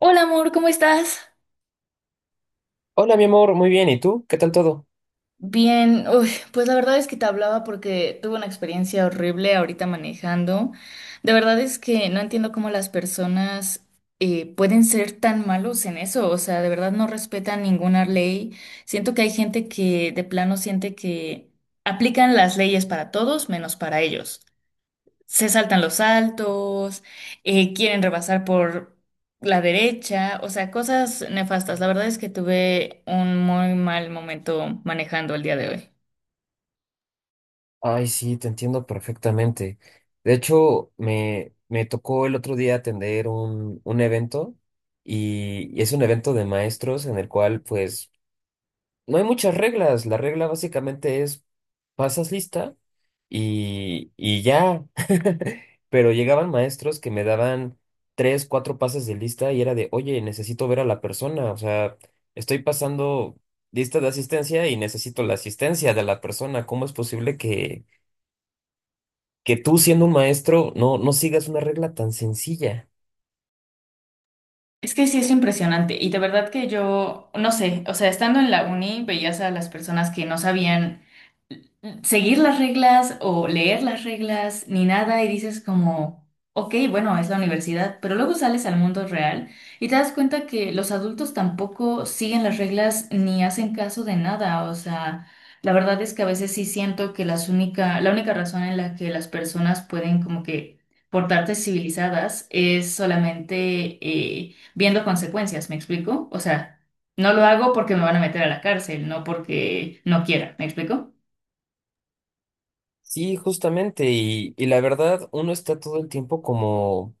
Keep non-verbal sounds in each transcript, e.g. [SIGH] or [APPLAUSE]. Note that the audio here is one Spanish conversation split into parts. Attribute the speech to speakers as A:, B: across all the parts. A: Hola amor, ¿cómo estás?
B: Hola, mi amor, muy bien. ¿Y tú? ¿Qué tal todo?
A: Bien, uy, pues la verdad es que te hablaba porque tuve una experiencia horrible ahorita manejando. De verdad es que no entiendo cómo las personas pueden ser tan malos en eso, o sea, de verdad no respetan ninguna ley. Siento que hay gente que de plano siente que aplican las leyes para todos menos para ellos. Se saltan los saltos, quieren rebasar por la derecha, o sea, cosas nefastas. La verdad es que tuve un muy mal momento manejando el día de hoy.
B: Ay, sí, te entiendo perfectamente. De hecho, me tocó el otro día atender un evento y es un evento de maestros en el cual pues no hay muchas reglas. La regla básicamente es pasas lista y ya. [LAUGHS] Pero llegaban maestros que me daban tres, cuatro pases de lista y era de, oye, necesito ver a la persona. O sea, estoy pasando lista de asistencia y necesito la asistencia de la persona. ¿Cómo es posible que tú, siendo un maestro, no sigas una regla tan sencilla?
A: Es que sí es impresionante y de verdad que yo, no sé, o sea, estando en la uni veías a las personas que no sabían seguir las reglas o leer las reglas ni nada y dices como, ok, bueno, es la universidad, pero luego sales al mundo real y te das cuenta que los adultos tampoco siguen las reglas ni hacen caso de nada, o sea, la verdad es que a veces sí siento que la única razón en la que las personas pueden como que portarse civilizadas es solamente viendo consecuencias, ¿me explico? O sea, no lo hago porque me van a meter a la cárcel, no porque no quiera, ¿me explico?
B: Sí, justamente. Y la verdad, uno está todo el tiempo como,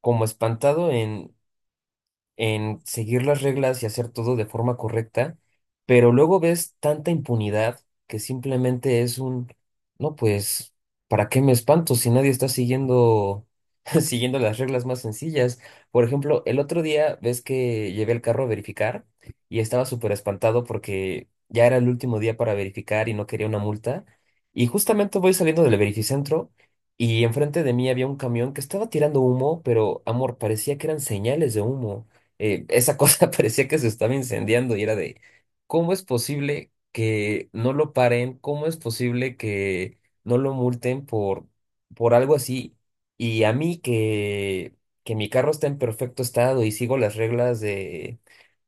B: como espantado en seguir las reglas y hacer todo de forma correcta, pero luego ves tanta impunidad que simplemente es un, no, pues, ¿para qué me espanto si nadie está siguiendo, [LAUGHS] siguiendo las reglas más sencillas? Por ejemplo, el otro día ves que llevé el carro a verificar y estaba súper espantado porque ya era el último día para verificar y no quería una multa. Y justamente voy saliendo del verificentro. Y enfrente de mí había un camión que estaba tirando humo, pero amor, parecía que eran señales de humo, esa cosa [LAUGHS] parecía que se estaba incendiando y era de, ¿cómo es posible que no lo paren? ¿Cómo es posible que no lo multen por, algo así? Y a mí que mi carro está en perfecto estado y sigo las reglas de,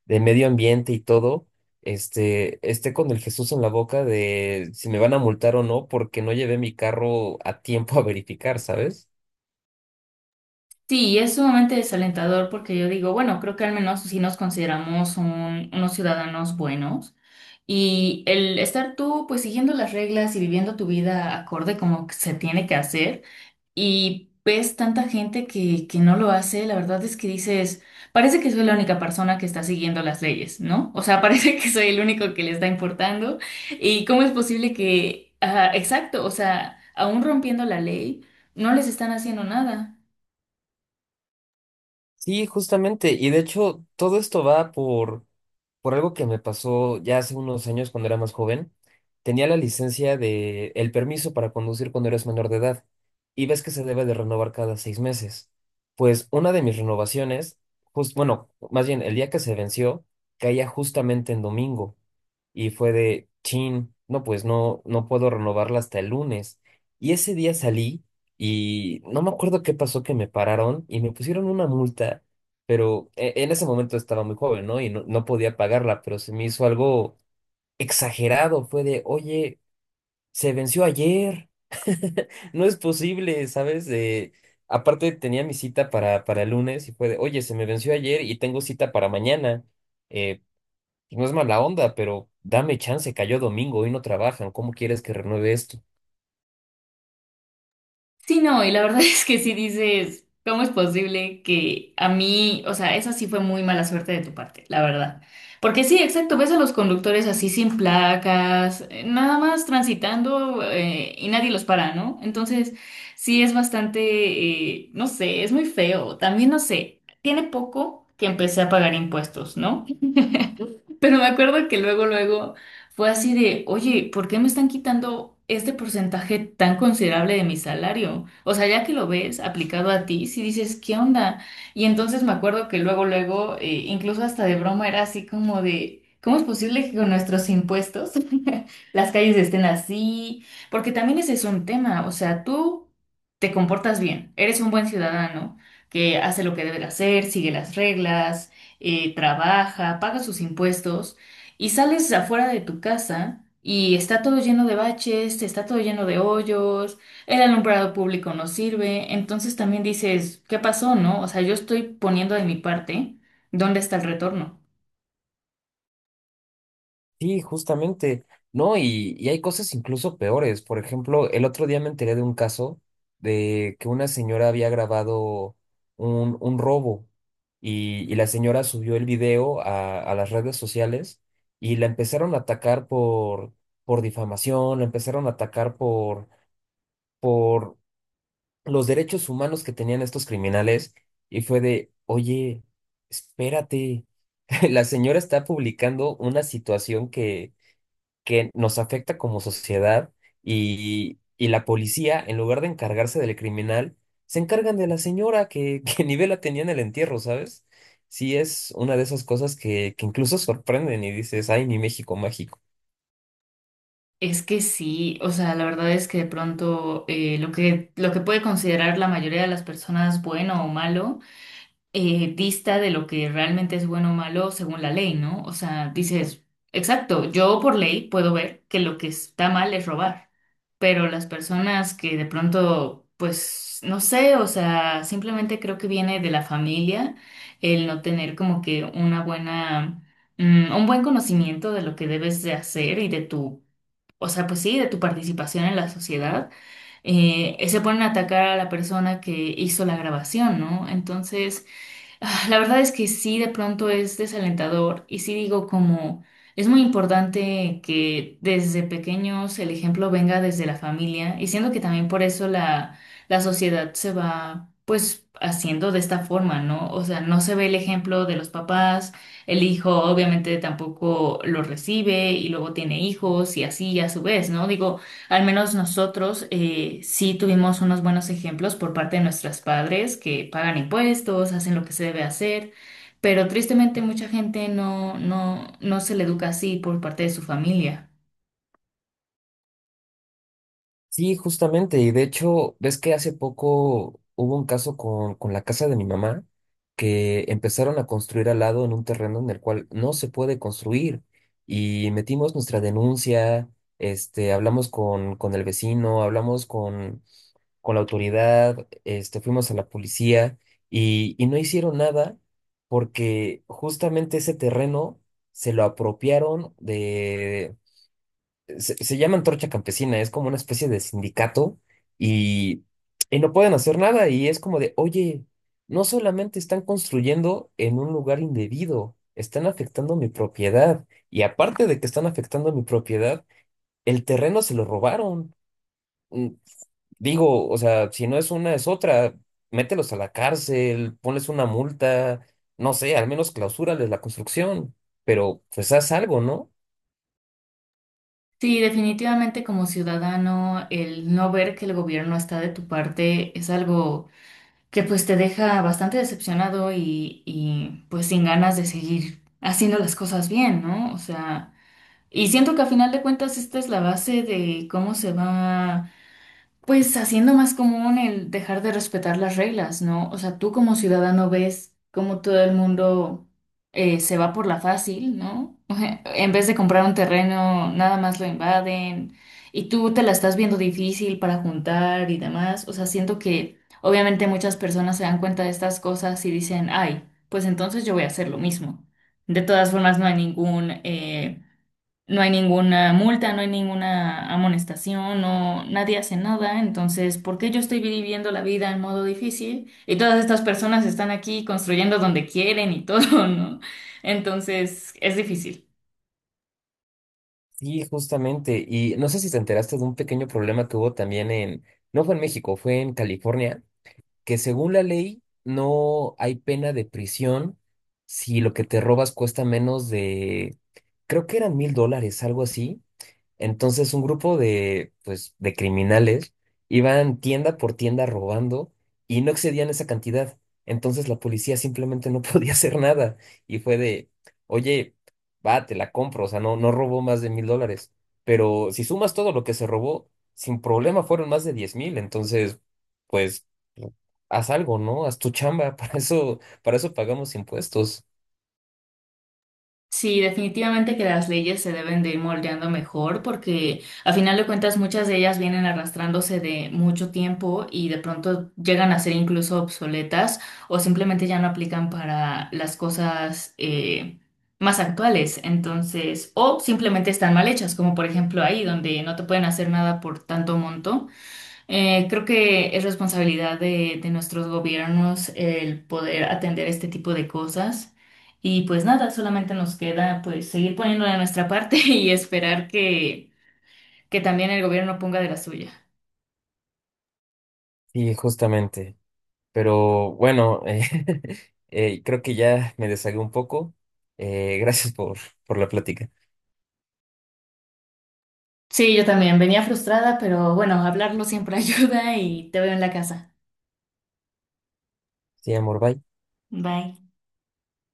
B: de medio ambiente y todo, esté con el Jesús en la boca de si me van a multar o no porque no llevé mi carro a tiempo a [LAUGHS] verificar, ¿sabes?
A: Sí, y es sumamente desalentador porque yo digo, bueno, creo que al menos sí nos consideramos unos ciudadanos buenos y el estar tú pues siguiendo las reglas y viviendo tu vida acorde como que se tiene que hacer y ves tanta gente que no lo hace, la verdad es que dices, parece que soy la única persona que está siguiendo las leyes, ¿no? O sea, [LAUGHS] parece que soy el único que le está importando y cómo es posible que, ah, exacto, o sea, aún rompiendo la ley, no les están haciendo nada.
B: Sí, justamente. Y de hecho, todo esto va por algo que me pasó ya hace unos años cuando era más joven, tenía la licencia de el permiso para conducir cuando eres menor de edad y ves que se debe de renovar cada 6 meses. Pues una de mis renovaciones, bueno, más bien el día que se venció, caía justamente en domingo y fue de chin, no, pues no puedo renovarla hasta el lunes. Y ese día salí y no me acuerdo qué pasó que me pararon y me pusieron una multa, pero en ese momento estaba muy joven, ¿no? Y no podía pagarla, pero se me hizo algo exagerado, fue de, oye, se venció ayer, [LAUGHS] no es posible, ¿sabes? Aparte tenía mi cita para, el lunes y fue de, oye, se me venció ayer y tengo cita para mañana. Eh, pues no es mala onda, pero dame chance, cayó domingo, hoy no trabajan, ¿cómo quieres que renueve esto?
A: Sí, no, y la verdad [LAUGHS] es que sí dices, ¿cómo es posible que a mí? O sea, esa sí fue muy mala suerte de tu parte, la verdad. Porque sí, exacto, ves a los conductores así sin placas, nada más transitando y nadie los para, ¿no? Entonces, sí es bastante, no sé, es muy feo. También no sé, tiene poco que empecé a pagar impuestos, ¿no? Pero me acuerdo que luego, luego fue así de, oye, ¿por qué me están quitando este porcentaje tan considerable de mi salario? O sea, ya que lo ves aplicado a ti, si dices, ¿qué onda? Y entonces me acuerdo que luego, luego, incluso hasta de broma era así como de, ¿cómo es posible que con nuestros impuestos [LAUGHS] las calles estén así? Porque también ese es un tema, o sea, tú te comportas bien, eres un buen ciudadano que hace lo que debe de hacer, sigue las reglas, trabaja, paga sus impuestos y sales afuera de tu casa y está todo lleno de baches, está todo lleno de hoyos, el alumbrado público no sirve, entonces también dices, ¿qué pasó, no? O sea, yo estoy poniendo de mi parte, ¿dónde está el retorno?
B: Sí, justamente, ¿no? Y hay cosas incluso peores. Por ejemplo, el otro día me enteré de un caso de que una señora había grabado un robo y la señora subió el video a, las redes sociales y la empezaron a atacar por, difamación, la empezaron a atacar por los derechos humanos que tenían estos criminales y fue de, oye, espérate, [LAUGHS] la señora está publicando una situación que nos afecta como sociedad y la policía, en lugar de encargarse del criminal, se encargan de la señora que, [LAUGHS] que ni vela tenía en el entierro, ¿sabes? Sí, es una de esas cosas que, incluso sorprenden y dices, ay, mi México mágico.
A: Es que sí, o sea, la verdad es que de pronto lo que puede considerar la mayoría de las personas bueno o malo, dista de lo que realmente es bueno o malo según la ley, ¿no? O sea, dices, exacto, yo por ley puedo ver que lo que está mal es robar, pero las personas que de pronto, pues, no sé, o sea, simplemente creo que viene de la familia el no tener como que una buena, mm, un buen conocimiento de lo que debes de hacer y de tu, o sea, pues sí, de tu participación en la sociedad. Se ponen a atacar a la persona que hizo la grabación, ¿no? Entonces, ah, la verdad es que sí, de pronto es desalentador y sí digo como es muy importante que desde pequeños el ejemplo venga desde la familia y siendo que también por eso la sociedad se va pues haciendo de esta forma, ¿no? O sea, no se ve el ejemplo de los papás, el hijo obviamente tampoco lo recibe y luego tiene hijos y así a su vez, ¿no? Digo, al menos nosotros sí tuvimos unos buenos ejemplos por parte de nuestros padres que pagan impuestos, hacen lo que se debe hacer, pero tristemente mucha gente no, no se le educa así por parte de su familia.
B: Sí, justamente, y de hecho, ves que hace poco hubo un caso con la casa de mi mamá, que empezaron a construir al lado en un terreno en el cual no se puede construir, y metimos nuestra denuncia, hablamos con, el vecino, hablamos con la autoridad, fuimos a la policía, y no hicieron nada porque justamente ese terreno se lo apropiaron. Se llama Antorcha Campesina, es como una especie de sindicato y, y no pueden hacer nada y es como de, oye, no solamente están construyendo en un lugar indebido, están afectando mi propiedad y aparte de que están afectando mi propiedad, el terreno se lo robaron. Mm, Digo, o sea, si no es una, es otra, mételos a la cárcel, ponles una multa, no sé, al menos clausúrales la construcción, pero pues haz algo, ¿no?
A: Sí, definitivamente como ciudadano, el no ver que el gobierno está de tu parte es algo que pues te deja bastante decepcionado y pues sin ganas de seguir haciendo las cosas bien, ¿no? O sea, y siento que a final de cuentas esta es la base de cómo se va pues haciendo más común el dejar de respetar las reglas, ¿no? O sea, tú como ciudadano ves cómo todo el mundo se va por la fácil, ¿no? [LAUGHS] En vez de comprar un terreno, nada más lo invaden y tú te la estás viendo difícil para juntar y demás. O sea, siento que obviamente muchas personas se dan cuenta de estas cosas y dicen, ay, pues entonces yo voy a hacer lo mismo. De todas formas, no hay ninguna multa, no hay ninguna amonestación, no, nadie hace nada. Entonces, ¿por qué yo estoy viviendo la vida en modo difícil? Y todas estas personas están aquí construyendo donde quieren y todo, [LAUGHS] ¿no? Entonces, es difícil.
B: Sí, justamente. Y no sé si te enteraste de un pequeño problema que hubo también en, no fue en México, fue en California, que según la ley no hay pena de prisión si lo que te robas cuesta menos de, creo que eran $1,000, algo así. Entonces un grupo pues, de criminales iban tienda por tienda robando y no excedían esa cantidad. Entonces la policía simplemente no [LAUGHS] podía hacer nada y fue de, oye, va, te la compro, o sea, no robó más de $1,000, pero si sumas todo lo que se robó, sin problema fueron más de 10,000, entonces, pues, haz algo, ¿no? Haz tu chamba, [LAUGHS] para eso pagamos impuestos.
A: Sí, definitivamente que las leyes se deben de ir moldeando mejor porque a final de cuentas muchas de ellas vienen arrastrándose de mucho tiempo y de pronto llegan a ser incluso obsoletas o simplemente ya no aplican para las cosas, más actuales. Entonces, o simplemente están mal hechas, como por ejemplo ahí donde no te pueden hacer nada por tanto monto. Creo que es responsabilidad de nuestros gobiernos el poder atender este tipo de cosas. Y pues nada, solamente nos queda pues seguir poniendo de nuestra parte [LAUGHS] y esperar que también el gobierno ponga de la suya.
B: Y justamente. Pero bueno, [LAUGHS] creo que ya me deshagué un poco. Gracias por, la plática.
A: Sí, yo también venía frustrada, pero bueno, hablarlo siempre [LAUGHS] ayuda y te veo en la casa.
B: Sí, amor, bye.
A: Bye.